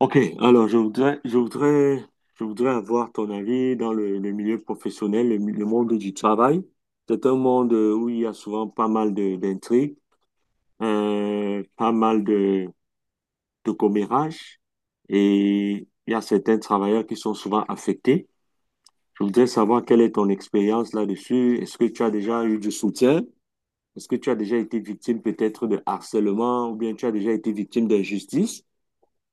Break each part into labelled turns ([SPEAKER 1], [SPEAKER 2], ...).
[SPEAKER 1] Ok, alors je voudrais avoir ton avis dans le milieu professionnel, le monde du travail. C'est un monde où il y a souvent pas mal de, d'intrigues, pas mal de commérages et il y a certains travailleurs qui sont souvent affectés. Je voudrais savoir quelle est ton expérience là-dessus. Est-ce que tu as déjà eu du soutien? Est-ce que tu as déjà été victime peut-être de harcèlement ou bien tu as déjà été victime d'injustice?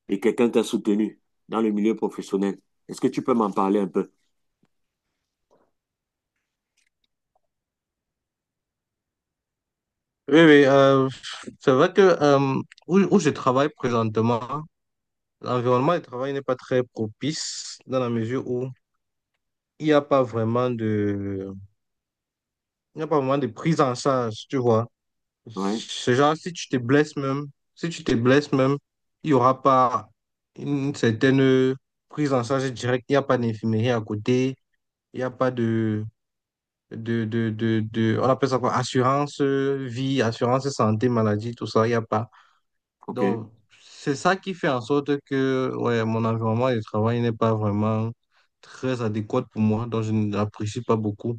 [SPEAKER 1] Et quelqu'un t'a soutenu dans le milieu professionnel. Est-ce que tu peux m'en parler un peu?
[SPEAKER 2] Oui, oui, c'est vrai que où je travaille présentement, l'environnement de travail n'est pas très propice dans la mesure où il n'y a pas vraiment de, il n'y a pas vraiment de prise en charge, tu vois.
[SPEAKER 1] Ouais,
[SPEAKER 2] C'est genre, si tu te blesses même, si tu te blesses même, il n'y aura pas une certaine prise en charge directe, il n'y a pas d'infirmerie à côté, il n'y a pas on appelle ça quoi, assurance vie, assurance santé, maladie, tout ça, il n'y a pas.
[SPEAKER 1] ok,
[SPEAKER 2] Donc, c'est ça qui fait en sorte que ouais, mon environnement de travail n'est pas vraiment très adéquat pour moi, donc je n'apprécie pas beaucoup.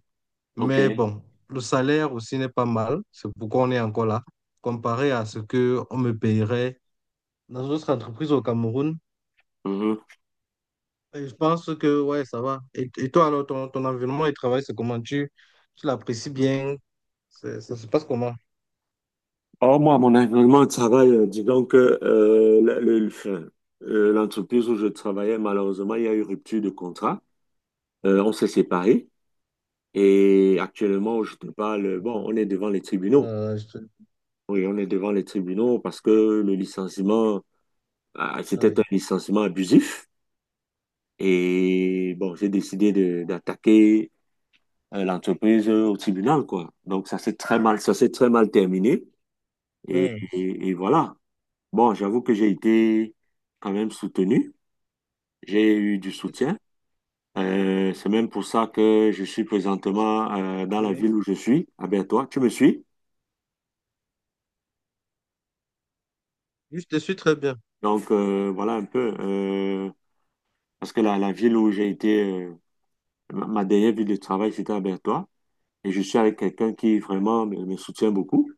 [SPEAKER 1] ok.
[SPEAKER 2] Mais bon, le salaire aussi n'est pas mal, c'est pourquoi on est encore là, comparé à ce que on me payerait dans une autre entreprise au Cameroun.
[SPEAKER 1] Mhm.
[SPEAKER 2] Et je pense que ouais, ça va. Et toi, alors, ton environnement de travail, c'est comment tu l'apprécies bien? Ça se passe comment?
[SPEAKER 1] Or, moi, mon environnement de travail, disons que enfin, l'entreprise où je travaillais, malheureusement, il y a eu rupture de contrat. On s'est séparés et actuellement, je te parle, bon, on est devant les tribunaux.
[SPEAKER 2] Je te...
[SPEAKER 1] Oui, on est devant les tribunaux parce que le licenciement, ah, c'était un
[SPEAKER 2] Ouais.
[SPEAKER 1] licenciement abusif. Et bon, d'attaquer l'entreprise au tribunal, quoi. Donc, ça s'est très mal terminé.
[SPEAKER 2] Ouais.
[SPEAKER 1] Et voilà. Bon, j'avoue que j'ai été quand même soutenu. J'ai eu du soutien. C'est même pour ça que je suis présentement dans la
[SPEAKER 2] Oui,
[SPEAKER 1] ville où je suis, à Bertois. Tu me suis?
[SPEAKER 2] oui, je te suis très bien.
[SPEAKER 1] Donc, voilà un peu. Parce que la ville où j'ai été, ma dernière ville de travail, c'était à Bertois. Et je suis avec quelqu'un qui vraiment me soutient beaucoup,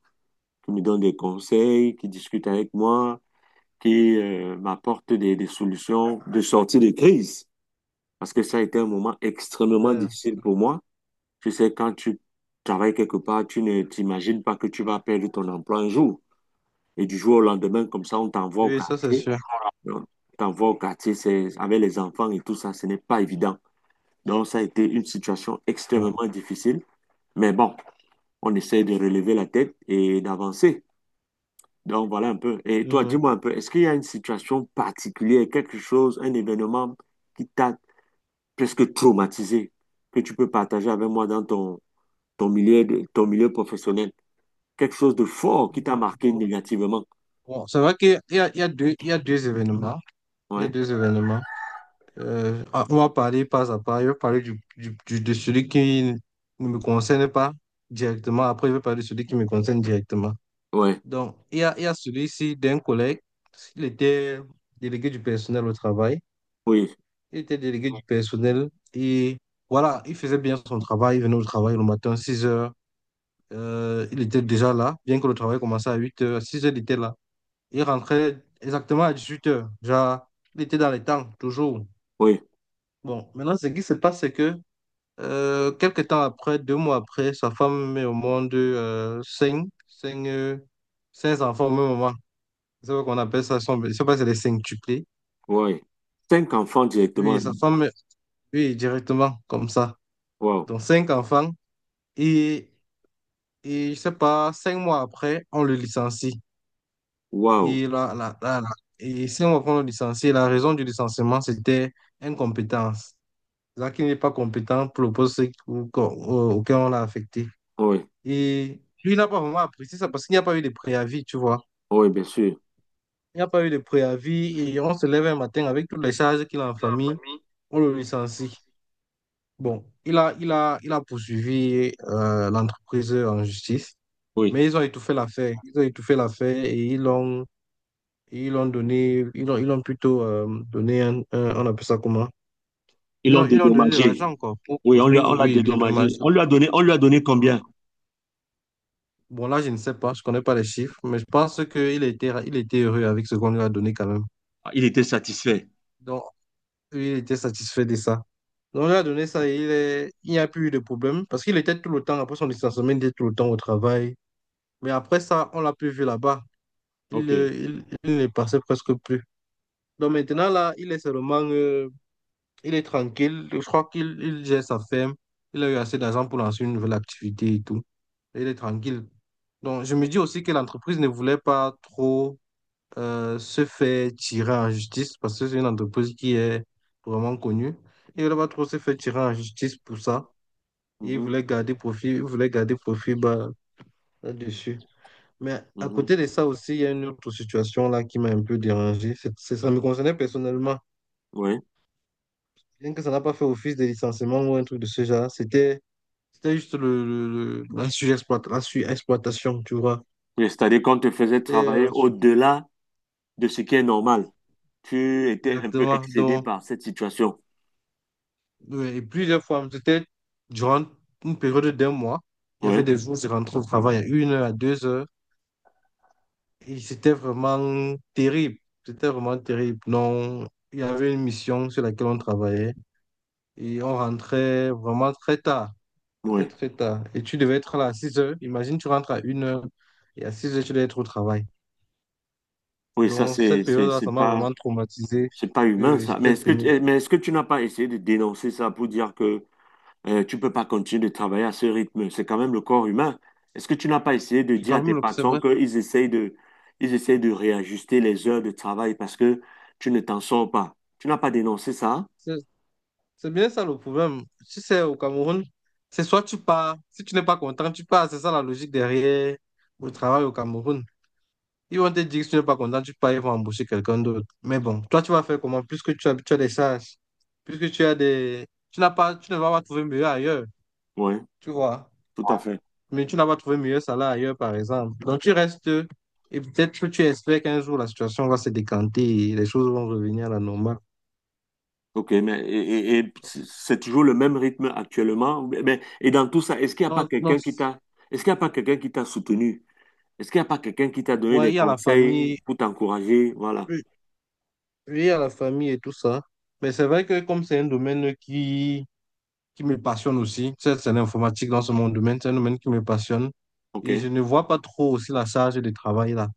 [SPEAKER 1] qui me donne des conseils, qui discute avec moi. Qui m'apporte des solutions de sortie de crise. Parce que ça a été un moment extrêmement
[SPEAKER 2] Euh,
[SPEAKER 1] difficile pour moi. Tu sais, quand tu travailles quelque part, tu ne t'imagines pas que tu vas perdre ton emploi un jour. Et du jour au lendemain, comme ça, on t'envoie au
[SPEAKER 2] Oui, ça c'est
[SPEAKER 1] quartier.
[SPEAKER 2] sûr.
[SPEAKER 1] On t'envoie au quartier, c'est avec les enfants et tout ça, ce n'est pas évident. Donc, ça a été une situation
[SPEAKER 2] Mm.
[SPEAKER 1] extrêmement difficile. Mais bon, on essaie de relever la tête et d'avancer. Donc voilà un peu. Et toi,
[SPEAKER 2] Mhm.
[SPEAKER 1] dis-moi un peu, est-ce qu'il y a une situation particulière, quelque chose, un événement qui t'a presque traumatisé, que tu peux partager avec moi dans ton, ton milieu de- ton milieu professionnel? Quelque chose de fort qui t'a marqué
[SPEAKER 2] Bon,
[SPEAKER 1] négativement.
[SPEAKER 2] bon, c'est vrai qu'il y a deux événements. Il y a
[SPEAKER 1] Ouais,
[SPEAKER 2] deux événements. On va parler pas à pas. Je vais parler de celui qui ne me concerne pas directement. Après, je vais parler de celui qui me concerne directement.
[SPEAKER 1] ouais,
[SPEAKER 2] Donc, il y a celui-ci d'un collègue. Il était délégué du personnel au travail.
[SPEAKER 1] oui,
[SPEAKER 2] Il était délégué du personnel et voilà, il faisait bien son travail. Il venait au travail le matin six heures. Il était déjà là, bien que le travail commençait à 8h. À 6 il était là. Il rentrait exactement à 18h. Genre, il était dans les temps, toujours.
[SPEAKER 1] oui,
[SPEAKER 2] Bon, maintenant, ce qui se passe, c'est que quelques temps après, deux mois après, sa femme met au monde cinq enfants au même moment. C'est ce qu'on appelle ça, je ne sais pas si c'est les cinqutuplés.
[SPEAKER 1] oui. Cinq enfants directement.
[SPEAKER 2] Oui, sa femme, oui, directement, comme ça.
[SPEAKER 1] Waouh,
[SPEAKER 2] Donc, cinq enfants. Et, et je ne sais pas, cinq mois après, on le licencie.
[SPEAKER 1] waouh.
[SPEAKER 2] Et là, là, là, là. Et si on reprend le licencié, la raison du licenciement, c'était incompétence. Là, qui n'est pas compétent pour le poste auquel on l'a affecté.
[SPEAKER 1] Oui,
[SPEAKER 2] Et lui, il n'a pas vraiment apprécié ça parce qu'il n'y a pas eu de préavis, tu vois.
[SPEAKER 1] oui, bien sûr.
[SPEAKER 2] Il n'y a pas eu de préavis et on se lève un matin avec toutes les charges qu'il a en famille, on le licencie. Bon, il a poursuivi l'entreprise en justice,
[SPEAKER 1] Oui,
[SPEAKER 2] mais ils ont étouffé l'affaire. Ils ont étouffé l'affaire et ils ont plutôt donné on appelle ça comment?
[SPEAKER 1] ils l'ont
[SPEAKER 2] Ils ont donné de
[SPEAKER 1] dédommagé.
[SPEAKER 2] l'argent, quoi, pour
[SPEAKER 1] Oui, on lui
[SPEAKER 2] couvrir,
[SPEAKER 1] a- on l'a
[SPEAKER 2] oui, des
[SPEAKER 1] dédommagé.
[SPEAKER 2] dommages.
[SPEAKER 1] On lui a donné combien?
[SPEAKER 2] Bon, là, je ne sais pas, je connais pas les chiffres, mais je pense il était heureux avec ce qu'on lui a donné quand même.
[SPEAKER 1] Ah, il était satisfait.
[SPEAKER 2] Donc, lui, il était satisfait de ça. Donc, on lui a donné ça et il n'y a plus eu de problème parce qu'il était tout le temps, après son licenciement, il était tout le temps au travail. Mais après ça, on l'a plus vu là-bas.
[SPEAKER 1] OK.
[SPEAKER 2] Il ne passait presque plus. Donc, maintenant, là, il est seulement il est tranquille. Je crois qu'il gère sa ferme. Il a eu assez d'argent pour lancer une nouvelle activité et tout. Il est tranquille. Donc, je me dis aussi que l'entreprise ne voulait pas trop se faire tirer en justice parce que c'est une entreprise qui est vraiment connue. Il ne voulait pas trop se faire tirer en justice pour ça. Il
[SPEAKER 1] Mhm,
[SPEAKER 2] voulait garder profit, il voulait garder profit bas, là-dessus. Mais à côté de
[SPEAKER 1] mhm.
[SPEAKER 2] ça aussi, il y a une autre situation là qui m'a un peu dérangé. Ça me concernait personnellement.
[SPEAKER 1] Oui.
[SPEAKER 2] Bien que ça n'a pas fait office de licenciement ou un truc de ce genre, c'était juste la surexploitation, tu vois.
[SPEAKER 1] Et c'est-à-dire qu'on te faisait
[SPEAKER 2] C'était
[SPEAKER 1] travailler au-delà de ce qui est normal. Tu étais un peu
[SPEAKER 2] exactement.
[SPEAKER 1] excédé
[SPEAKER 2] Donc,
[SPEAKER 1] par cette situation.
[SPEAKER 2] ouais, et plusieurs fois, c'était durant une période d'un mois. Il y avait
[SPEAKER 1] Oui,
[SPEAKER 2] des jours, je rentrais au travail à une heure, à deux heures. Et c'était vraiment terrible. C'était vraiment terrible. Non, il y avait une mission sur laquelle on travaillait. Et on rentrait vraiment très tard. Très,
[SPEAKER 1] oui.
[SPEAKER 2] très tard. Et tu devais être là à 6 heures. Imagine, tu rentres à une heure. Et à 6 heures, tu devais être au travail.
[SPEAKER 1] Oui, ça,
[SPEAKER 2] Donc, cette période-là, ça m'a vraiment traumatisé.
[SPEAKER 1] c'est pas
[SPEAKER 2] Oui,
[SPEAKER 1] humain,
[SPEAKER 2] oui,
[SPEAKER 1] ça. Mais
[SPEAKER 2] c'était
[SPEAKER 1] est-ce que,
[SPEAKER 2] pénible.
[SPEAKER 1] mais est-ce que tu n'as pas essayé de dénoncer ça pour dire que tu peux pas continuer de travailler à ce rythme? C'est quand même le corps humain. Est-ce que tu n'as pas essayé de
[SPEAKER 2] C'est
[SPEAKER 1] dire à
[SPEAKER 2] quand
[SPEAKER 1] tes
[SPEAKER 2] même, c'est
[SPEAKER 1] patrons
[SPEAKER 2] vrai.
[SPEAKER 1] qu'ils essayent de, ils essayent de réajuster les heures de travail parce que tu ne t'en sors pas? Tu n'as pas dénoncé ça?
[SPEAKER 2] C'est c'est bien ça le problème. Tu sais, au Cameroun, c'est soit tu pars, si tu n'es pas content, tu pars. C'est ça la logique derrière le travail au Cameroun. Ils vont te dire que si tu n'es pas content, tu pars, ils vont embaucher quelqu'un d'autre. Mais bon, toi, tu vas faire comment? Puisque tu as des charges, puisque tu as des. Tu ne vas pas trouver mieux ailleurs.
[SPEAKER 1] Oui,
[SPEAKER 2] Tu vois?
[SPEAKER 1] tout à fait.
[SPEAKER 2] Mais tu n'as pas trouvé mieux salaire ailleurs, par exemple. Donc, tu restes et peut-être que tu espères qu'un jour, la situation va se décanter et les choses vont revenir à la normale.
[SPEAKER 1] OK, mais et c'est toujours le même rythme actuellement. Ou mais, et dans tout ça, est-ce qu'il n'y a pas
[SPEAKER 2] Non, non,
[SPEAKER 1] quelqu'un qui t'a, est-ce qu'il y a pas quelqu'un qui t'a soutenu? Est-ce qu'il n'y a pas quelqu'un qui t'a donné des
[SPEAKER 2] ouais, il y a la
[SPEAKER 1] conseils
[SPEAKER 2] famille,
[SPEAKER 1] pour t'encourager? Voilà.
[SPEAKER 2] oui, il y a la famille et tout ça. Mais c'est vrai que comme c'est un domaine qui me passionne aussi, tu sais, c'est l'informatique dans ce mon domaine, c'est un domaine qui me passionne. Et je
[SPEAKER 1] OK,
[SPEAKER 2] ne vois pas trop aussi la charge de travail là.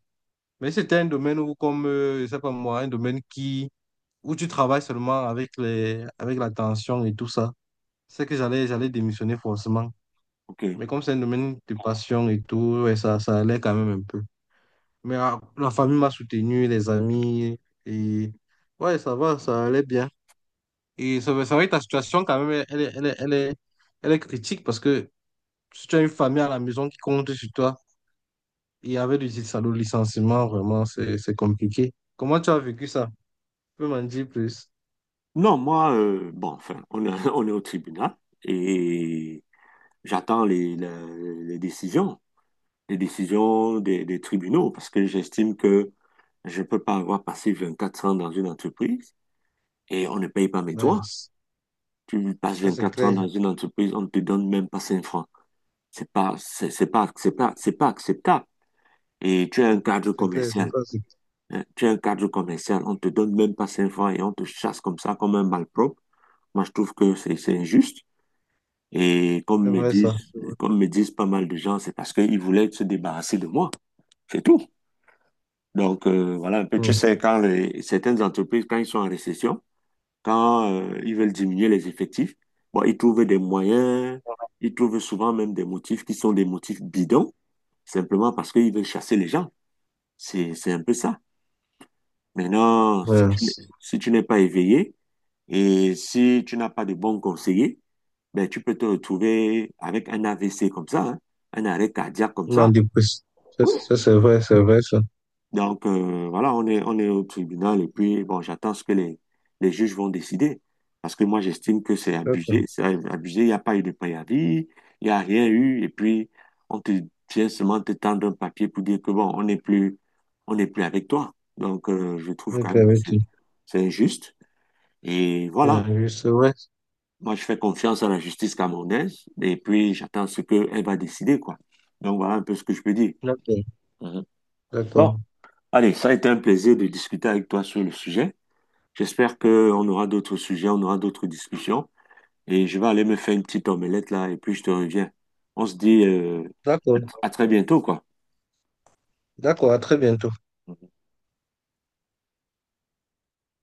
[SPEAKER 2] Mais c'était un domaine où, comme, je sais pas moi, un domaine où tu travailles seulement avec avec la tension et tout ça. C'est que j'allais démissionner forcément.
[SPEAKER 1] OK.
[SPEAKER 2] Mais comme c'est un domaine de passion et tout, ouais, ça allait quand même un peu. Mais ah, la famille m'a soutenu, les amis, et ouais, ça va, ça allait bien. Et c'est vrai que ta situation, quand même, elle est critique parce que si tu as une famille à la maison qui compte sur toi, et avec du salaud licenciement, vraiment, c'est compliqué. Comment tu as vécu ça? Tu peux m'en dire plus?
[SPEAKER 1] Non, moi, bon, enfin, on est au tribunal et j'attends les décisions. Les décisions des tribunaux parce que j'estime que je ne peux pas avoir passé 24 ans dans une entreprise et on ne paye pas mes droits.
[SPEAKER 2] Nice.
[SPEAKER 1] Tu passes
[SPEAKER 2] Ça, c'est
[SPEAKER 1] 24 ans dans
[SPEAKER 2] clair.
[SPEAKER 1] une entreprise, on ne te donne même pas 5 francs. C'est pas, c'est pas, c'est pas acceptable. Et tu es un cadre
[SPEAKER 2] C'est clair, c'est
[SPEAKER 1] commercial.
[SPEAKER 2] pas,
[SPEAKER 1] Hein. Tu es un cadre commercial, on ne te donne même pas 5 francs et on te chasse comme ça, comme un malpropre. Moi, je trouve que c'est injuste. Et comme
[SPEAKER 2] c'est
[SPEAKER 1] me
[SPEAKER 2] vrai,
[SPEAKER 1] disent,
[SPEAKER 2] ça. C'est vrai.
[SPEAKER 1] comme me disent pas mal de gens, c'est parce qu'ils voulaient se débarrasser de moi. C'est tout. Donc, voilà un peu, tu
[SPEAKER 2] Hmm.
[SPEAKER 1] sais, quand certaines entreprises, quand ils sont en récession, quand ils veulent diminuer les effectifs, bon, ils trouvent des moyens, ils trouvent souvent même des motifs qui sont des motifs bidons, simplement parce qu'ils veulent chasser les gens. C'est un peu ça. Maintenant,
[SPEAKER 2] Ouais.
[SPEAKER 1] si tu n'es pas éveillé et si tu n'as pas de bons conseillers, ben, tu peux te retrouver avec un AVC comme ça, hein, un arrêt cardiaque comme
[SPEAKER 2] Non,
[SPEAKER 1] ça.
[SPEAKER 2] dépressif.
[SPEAKER 1] Oui,
[SPEAKER 2] C'est vrai, ça.
[SPEAKER 1] donc, voilà, on est au tribunal et puis, bon, j'attends ce que les juges vont décider. Parce que moi, j'estime que
[SPEAKER 2] D'accord.
[SPEAKER 1] c'est abusé, il n'y a pas eu de préavis, il n'y a rien eu. Et puis, on te vient seulement te tendre un papier pour dire que, bon, on n'est plus avec toi. Donc, je trouve quand
[SPEAKER 2] Ok,
[SPEAKER 1] même que
[SPEAKER 2] ok.
[SPEAKER 1] c'est injuste. Et voilà,
[SPEAKER 2] C'est vrai.
[SPEAKER 1] moi, je fais confiance à la justice camerounaise et puis, j'attends ce qu'elle va décider, quoi. Donc, voilà un peu ce que je peux dire.
[SPEAKER 2] D'accord.
[SPEAKER 1] Mhm. Bon,
[SPEAKER 2] D'accord.
[SPEAKER 1] allez, ça a été un plaisir de discuter avec toi sur le sujet. J'espère qu'on aura d'autres sujets, on aura d'autres discussions. Et je vais aller me faire une petite omelette là, et puis je te reviens. On se dit
[SPEAKER 2] D'accord.
[SPEAKER 1] à très bientôt, quoi.
[SPEAKER 2] D'accord. À très bientôt.